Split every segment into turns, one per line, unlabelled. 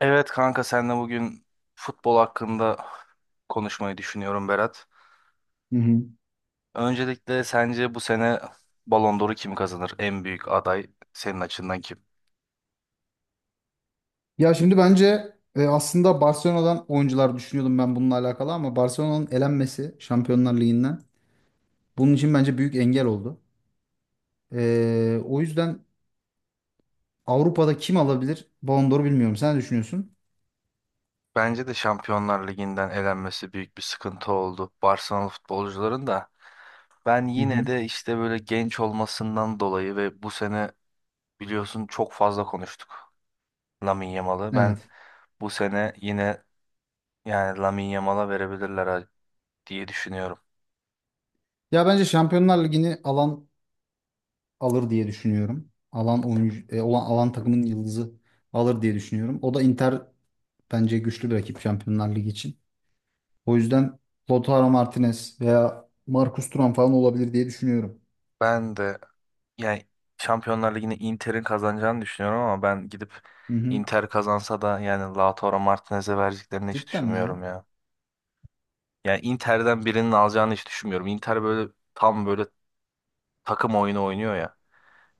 Evet kanka senle bugün futbol hakkında konuşmayı düşünüyorum Berat.
Hı hı.
Öncelikle sence bu sene Ballon d'Or'u kim kazanır? En büyük aday senin açından kim?
Ya şimdi bence aslında Barcelona'dan oyuncular düşünüyordum ben bununla alakalı ama Barcelona'nın elenmesi Şampiyonlar Ligi'nden bunun için bence büyük engel oldu. O yüzden Avrupa'da kim alabilir Ballon d'Or'u, bilmiyorum. Sen ne düşünüyorsun?
Bence de Şampiyonlar Ligi'nden elenmesi büyük bir sıkıntı oldu Barcelona futbolcuların da. Ben
Hı
yine
hı.
de işte böyle genç olmasından dolayı ve bu sene biliyorsun çok fazla konuştuk Lamine Yamal'ı.
Evet.
Ben bu sene yine yani Lamine Yamal'a verebilirler diye düşünüyorum.
Ya bence Şampiyonlar Ligi'ni alan alır diye düşünüyorum. Alan oyuncu olan, alan takımın yıldızı alır diye düşünüyorum. O da Inter, bence güçlü bir rakip Şampiyonlar Ligi için. O yüzden Lautaro Martinez veya Marcus Thuram falan olabilir diye düşünüyorum.
Ben de yani Şampiyonlar Ligi'ni Inter'in kazanacağını düşünüyorum ama ben gidip
Hı hı.
Inter kazansa da yani Lautaro Martinez'e vereceklerini hiç
Cidden mi
düşünmüyorum
ya?
ya. Yani Inter'den birinin alacağını hiç düşünmüyorum. Inter böyle tam böyle takım oyunu oynuyor ya.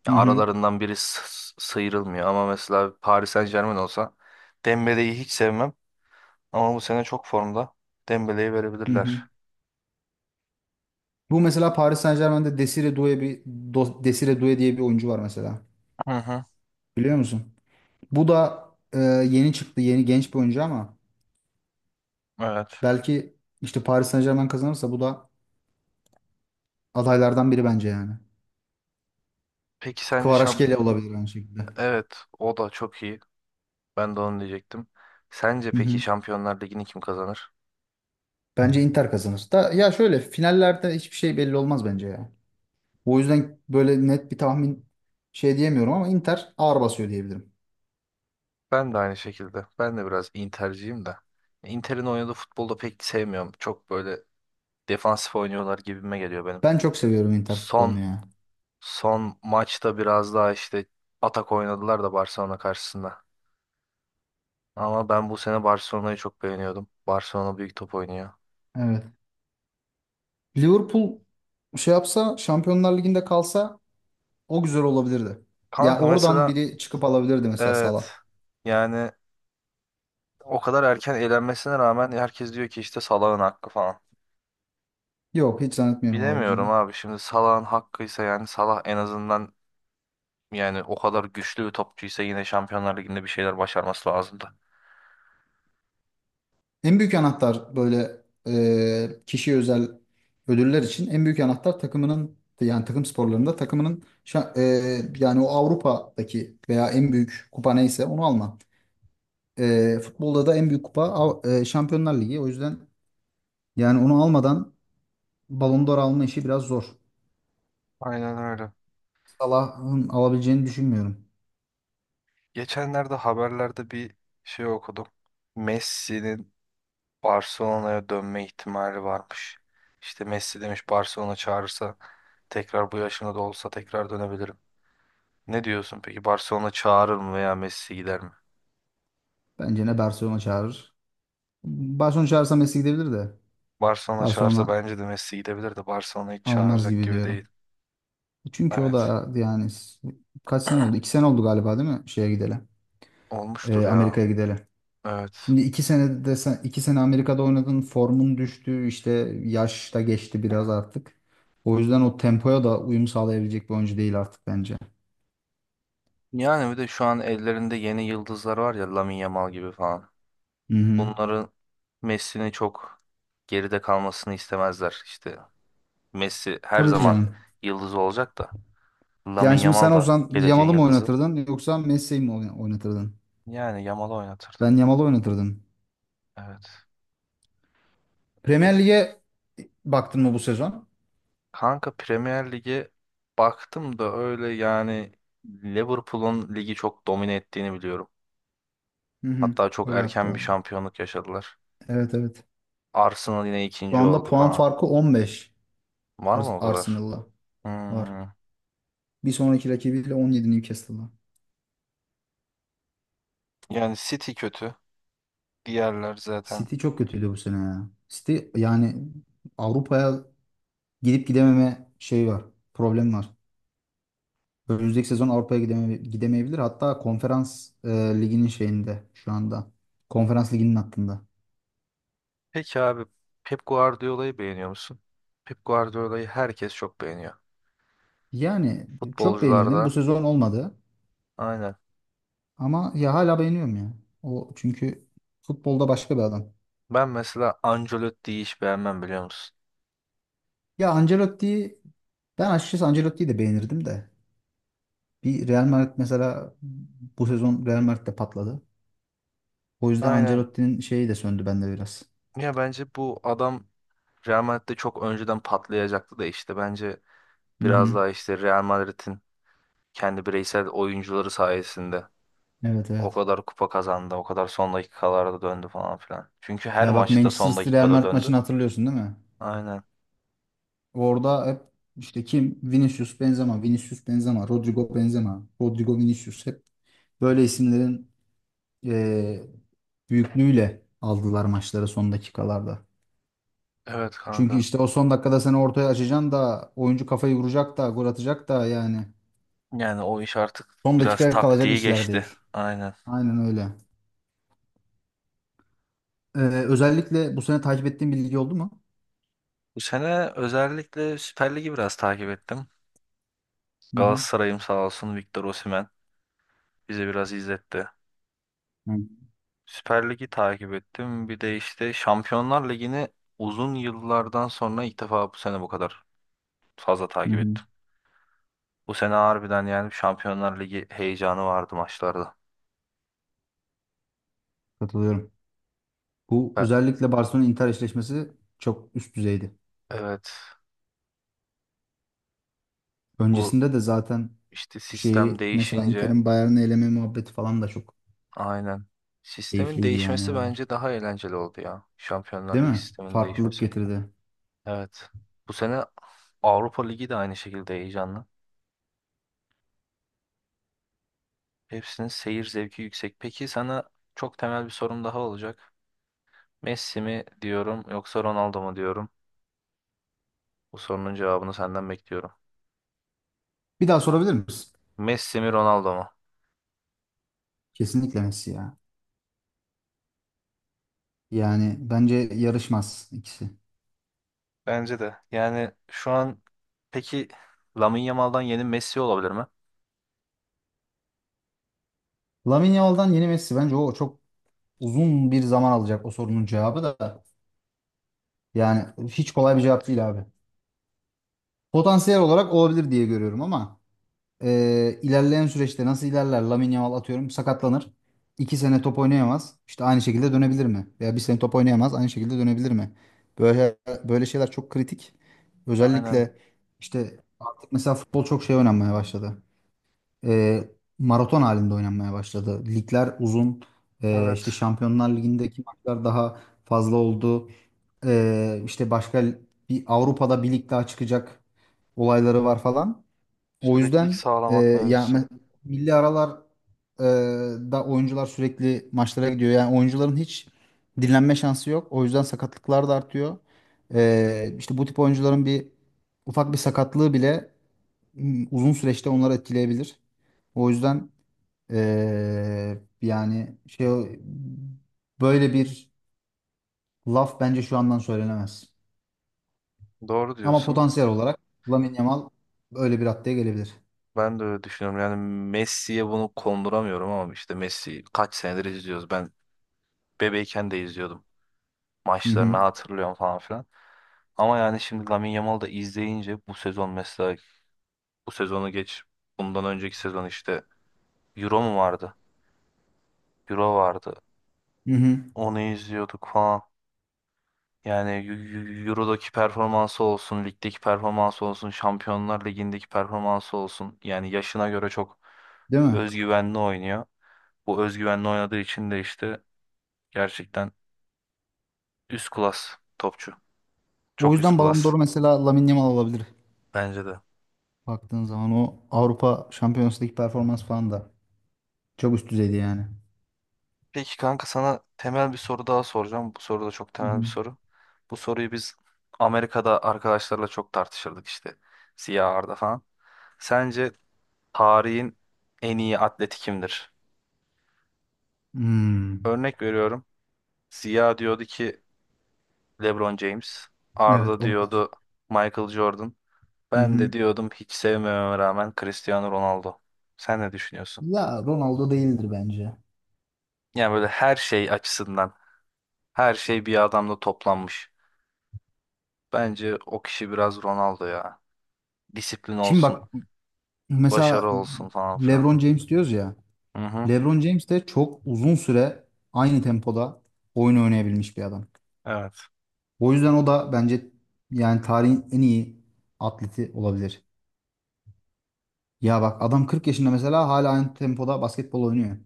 Ya
Hı hı.
aralarından biri sıyrılmıyor ama mesela Paris Saint-Germain olsa Dembele'yi hiç sevmem ama bu sene çok formda. Dembele'yi
Hı hı.
verebilirler.
Bu mesela Paris Saint-Germain'de Desire Doué diye bir oyuncu var mesela.
Hı hı,
Biliyor musun? Bu da yeni çıktı, yeni genç bir oyuncu ama
evet.
belki işte Paris Saint-Germain kazanırsa bu da adaylardan biri bence yani.
Peki sence şamp...
Kvaratskhelia olabilir aynı şekilde.
Evet, o da çok iyi. Ben de onu diyecektim. Sence
Hı
peki
hı.
Şampiyonlar Ligi'ni kim kazanır?
Bence Inter kazanır. Da, ya şöyle finallerde hiçbir şey belli olmaz bence ya. O yüzden böyle net bir tahmin şey diyemiyorum ama Inter ağır basıyor diyebilirim.
Ben de aynı şekilde. Ben de biraz Inter'ciyim de. Inter'in oynadığı futbolda pek sevmiyorum. Çok böyle defansif oynuyorlar gibime geliyor benim.
Ben çok seviyorum Inter futbolunu
Son
ya.
son maçta biraz daha işte atak oynadılar da Barcelona karşısında. Ama ben bu sene Barcelona'yı çok beğeniyordum. Barcelona büyük top oynuyor.
Evet. Liverpool şey yapsa, Şampiyonlar Ligi'nde kalsa, o güzel olabilirdi. Ya
Kanka
oradan
mesela
biri çıkıp alabilirdi, mesela Salah.
evet yani o kadar erken elenmesine rağmen herkes diyor ki işte Salah'ın hakkı falan.
Yok, hiç zannetmiyorum
Bilemiyorum
alabileceğini.
abi şimdi Salah'ın hakkıysa yani Salah en azından yani o kadar güçlü bir topçuysa yine Şampiyonlar Ligi'nde bir şeyler başarması lazımdı.
En büyük anahtar böyle kişiye özel ödüller için en büyük anahtar takımının, yani takım sporlarında takımının yani o Avrupa'daki veya en büyük kupa neyse onu alma. Futbolda da en büyük kupa Şampiyonlar Ligi. O yüzden yani onu almadan Ballon d'Or alma işi biraz zor.
Aynen öyle.
Salah'ın alabileceğini düşünmüyorum.
Geçenlerde haberlerde bir şey okudum. Messi'nin Barcelona'ya dönme ihtimali varmış. İşte Messi demiş Barcelona çağırırsa tekrar bu yaşımda da olsa tekrar dönebilirim. Ne diyorsun peki Barcelona çağırır mı veya Messi gider mi?
Bence ne Barcelona çağırır. Barcelona çağırsa Messi gidebilir de,
Barcelona çağırsa
Barcelona
bence de Messi gidebilir de Barcelona hiç
almaz
çağıracak
gibi
gibi değil.
diyorum. Çünkü o
Evet
da yani kaç sene oldu? 2 sene oldu galiba, değil mi? Şeye gidelim.
olmuştur ya.
Amerika'ya gidelim.
Evet.
Şimdi 2 sene desen, 2 sene Amerika'da oynadın. Formun düştü. İşte yaş da geçti biraz artık. O yüzden o tempoya da uyum sağlayabilecek bir oyuncu değil artık bence.
Yani bir de şu an ellerinde yeni yıldızlar var ya Lamine Yamal gibi falan.
Hı hı.
Bunların Messi'nin çok geride kalmasını istemezler. İşte Messi her
Tabii
zaman
canım.
yıldız olacak da
Yani
Lamine
şimdi sen
Yamal da
olsan
geleceğin
Yamal'ı mı
yıldızı.
oynatırdın yoksa Messi'yi mi oynatırdın?
Yani Yamal'ı oynatırdım.
Ben Yamal'ı oynatırdım.
Evet.
Premier
Peki
Lig'e baktın mı bu sezon?
kanka Premier Lig'e baktım da öyle yani Liverpool'un ligi çok domine ettiğini biliyorum.
Hı hı.
Hatta çok
Öyle yaptı
erken bir
valla.
şampiyonluk yaşadılar.
Evet, evet.
Arsenal yine
Şu
ikinci
anda
oldu
puan
falan.
farkı 15,
Var mı o kadar?
Arsenal'la var.
Hmm.
Bir sonraki rakibiyle 17, Newcastle'la.
Yani City kötü. Diğerler zaten.
City çok kötüydü bu sene ya. City yani Avrupa'ya gidip gidememe şey var. Problem var. Önümüzdeki sezon Avrupa'ya gidemeyebilir. Hatta konferans liginin şeyinde şu anda. Konferans liginin hattında.
Peki abi Pep Guardiola'yı beğeniyor musun? Pep Guardiola'yı herkes çok beğeniyor.
Yani çok
Futbolcularda
beğenirdim. Bu sezon olmadı.
aynen.
Ama ya hala beğeniyorum ya. O çünkü futbolda başka bir adam.
Ben mesela Ancelotti'yi hiç beğenmem biliyor musun?
Ya Ancelotti'yi ben açıkçası Ancelotti'yi de beğenirdim de. Bir Real Madrid mesela bu sezon Real Madrid'de patladı. O yüzden
Aynen.
Ancelotti'nin şeyi de söndü bende biraz.
Ya bence bu adam Real Madrid'de çok önceden patlayacaktı da işte bence
Hı
biraz
hı.
daha işte Real Madrid'in kendi bireysel oyuncuları sayesinde
Evet,
o
evet.
kadar kupa kazandı, o kadar son dakikalarda döndü falan filan. Çünkü her
Ya bak,
maçta
Manchester
son
City Real
dakikada
Madrid
döndü.
maçını hatırlıyorsun değil mi?
Aynen.
Orada hep işte kim? Vinicius Benzema, Vinicius Benzema, Rodrigo Benzema, Rodrigo Vinicius, hep böyle isimlerin eee büyüklüğüyle aldılar maçları son dakikalarda.
Evet
Çünkü
kanka.
işte o son dakikada seni ortaya açacaksın da oyuncu kafayı vuracak da gol atacak da, yani
Yani o iş artık
son
biraz
dakikaya kalacak
taktiği
işler
geçti.
değil.
Aynen.
Aynen öyle. Ee, Özellikle bu sene takip ettiğin bir lig oldu mu?
Bu sene özellikle Süper Lig'i biraz takip ettim.
Hı hı.
Galatasaray'ım sağ olsun Victor Osimhen bize biraz izletti.
Hı
Süper Lig'i takip ettim. Bir de işte Şampiyonlar Ligi'ni uzun yıllardan sonra ilk defa bu sene bu kadar fazla
hı.
takip
Hı.
ettim. Bu sene harbiden yani Şampiyonlar Ligi heyecanı vardı maçlarda.
Katılıyorum. Bu
Ve-
özellikle Barcelona Inter eşleşmesi çok üst düzeydi.
Evet. Bu
Öncesinde de zaten
işte sistem
şeyi mesela
değişince
Inter'in Bayern'i eleme muhabbeti falan da çok
aynen. Sistemin
keyifliydi, yani
değişmesi
oralar.
bence daha eğlenceli oldu ya. Şampiyonlar
Değil
Ligi
mi?
sisteminin
Farklılık
değişmesi.
getirdi.
Evet. Bu sene Avrupa Ligi de aynı şekilde heyecanlı. Hepsinin seyir zevki yüksek. Peki sana çok temel bir sorum daha olacak. Messi mi diyorum yoksa Ronaldo mu diyorum? Bu sorunun cevabını senden bekliyorum.
Bir daha sorabilir misin?
Messi mi Ronaldo mu?
Kesinlikle Messi ya. Yani bence yarışmaz ikisi.
Bence de. Yani şu an peki Lamine Yamal'dan yeni Messi olabilir mi?
Lamine Yamal'dan yeni Messi, bence o çok uzun bir zaman alacak, o sorunun cevabı da. Yani hiç kolay bir cevap değil abi. Potansiyel olarak olabilir diye görüyorum ama ilerleyen süreçte nasıl ilerler? Lamine Yamal atıyorum sakatlanır. 2 sene top oynayamaz. İşte aynı şekilde dönebilir mi? Veya bir sene top oynayamaz, aynı şekilde dönebilir mi? Böyle böyle şeyler çok kritik.
Aynen.
Özellikle işte artık mesela futbol çok şey oynanmaya başladı. e, Maraton halinde oynanmaya başladı. Ligler uzun. İşte
Evet.
Şampiyonlar Ligi'ndeki maçlar daha fazla oldu. İşte başka bir Avrupa'da bir lig daha çıkacak olayları var falan. O
Süreklilik
yüzden
sağlamak
ya
mevzusu.
milli aralar e, da oyuncular sürekli maçlara gidiyor. Yani oyuncuların hiç dinlenme şansı yok. O yüzden sakatlıklar da artıyor. İşte bu tip oyuncuların bir ufak bir sakatlığı bile uzun süreçte onları etkileyebilir. O yüzden yani şey, böyle bir laf bence şu andan söylenemez.
Doğru
Ama
diyorsun.
potansiyel olarak Lamine Yamal öyle bir raddeye gelebilir.
Ben de öyle düşünüyorum. Yani Messi'ye bunu konduramıyorum ama işte Messi kaç senedir izliyoruz. Ben bebeyken de izliyordum.
Hı
Maçlarını
hı.
hatırlıyorum falan filan. Ama yani şimdi Lamine Yamal'ı da izleyince bu sezon mesela bu sezonu geç. Bundan önceki sezon işte Euro mu vardı? Euro vardı.
Hı hı.
Onu izliyorduk falan. Yani Euro'daki performansı olsun, ligdeki performansı olsun, Şampiyonlar Ligi'ndeki performansı olsun. Yani yaşına göre çok
Değil mi?
özgüvenli oynuyor. Bu özgüvenle oynadığı için de işte gerçekten üst klas topçu.
O
Çok üst
yüzden Ballon
klas
d'Or'u mesela Lamine Yamal alabilir.
bence de.
Baktığın zaman o Avrupa Şampiyonası Ligi performans falan da çok üst düzeydi yani.
Peki kanka sana temel bir soru daha soracağım. Bu soru da çok
Hı
temel bir
hı.
soru. Bu soruyu biz Amerika'da arkadaşlarla çok tartışırdık işte. Siyah Arda falan. Sence tarihin en iyi atleti kimdir?
Hmm.
Örnek veriyorum. Ziya diyordu ki LeBron James. Arda
Evet, onu var.
diyordu Michael Jordan.
Hı
Ben
hı.
de diyordum hiç sevmememe rağmen Cristiano Ronaldo. Sen ne düşünüyorsun?
Ya Ronaldo değildir bence.
Yani böyle her şey açısından her şey bir adamda toplanmış. Bence o kişi biraz Ronaldo ya. Disiplin
Şimdi
olsun,
bak,
başarı
mesela
olsun falan filan.
LeBron James diyoruz ya.
Hı hı.
LeBron James de çok uzun süre aynı tempoda oyun oynayabilmiş bir adam.
Evet.
O yüzden o da bence yani tarihin en iyi atleti olabilir. Ya bak, adam 40 yaşında mesela, hala aynı tempoda basketbol oynuyor.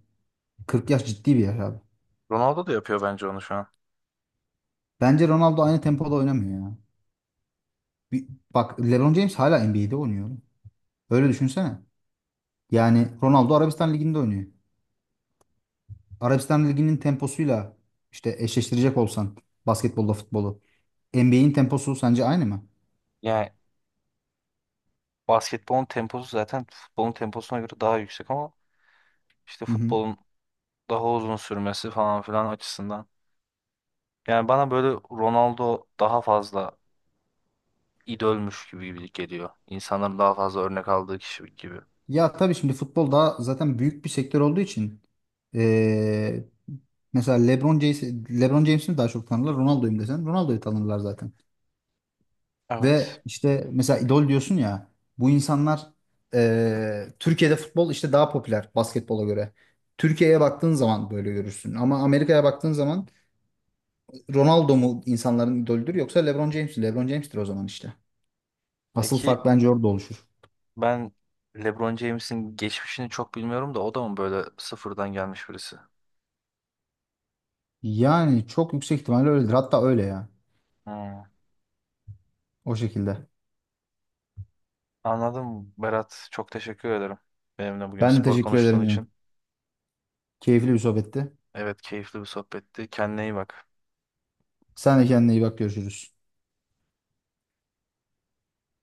40 yaş ciddi bir yaş abi.
Ronaldo da yapıyor bence onu şu an.
Bence Ronaldo aynı tempoda oynamıyor ya. Bir- Bak, LeBron James hala NBA'de oynuyor. Öyle düşünsene. Yani Ronaldo Arabistan Ligi'nde oynuyor. Arabistan Ligi'nin temposuyla işte eşleştirecek olsan basketbolla futbolu, NBA'in temposu sence aynı mı?
Yani basketbolun temposu zaten futbolun temposuna göre daha yüksek ama işte
Hı hı.
futbolun daha uzun sürmesi falan filan açısından. Yani bana böyle Ronaldo daha fazla idolmüş gibi geliyor. İnsanların daha fazla örnek aldığı kişi gibi.
Ya tabii şimdi futbol daha zaten büyük bir sektör olduğu için ee, mesela LeBron James'i daha çok tanırlar. Ronaldo'yum desen Ronaldo'yu tanırlar zaten.
Evet.
Ve işte mesela idol diyorsun ya, bu insanlar Türkiye'de futbol işte daha popüler basketbola göre. Türkiye'ye baktığın zaman böyle görürsün. Ama Amerika'ya baktığın zaman Ronaldo mu insanların idolüdür yoksa LeBron James mi? LeBron James'tir o zaman işte. Asıl
Peki
fark bence orada oluşur.
ben LeBron James'in geçmişini çok bilmiyorum da o da mı böyle sıfırdan gelmiş birisi?
Yani çok yüksek ihtimalle öyledir. Hatta öyle ya.
Hmm.
O şekilde.
Anladım Berat. Çok teşekkür ederim benimle bugün
Ben de
spor
teşekkür ederim,
konuştuğun
canım.
için.
Keyifli bir sohbetti.
Evet keyifli bir sohbetti. Kendine iyi bak.
Sen de kendine iyi bak. Görüşürüz.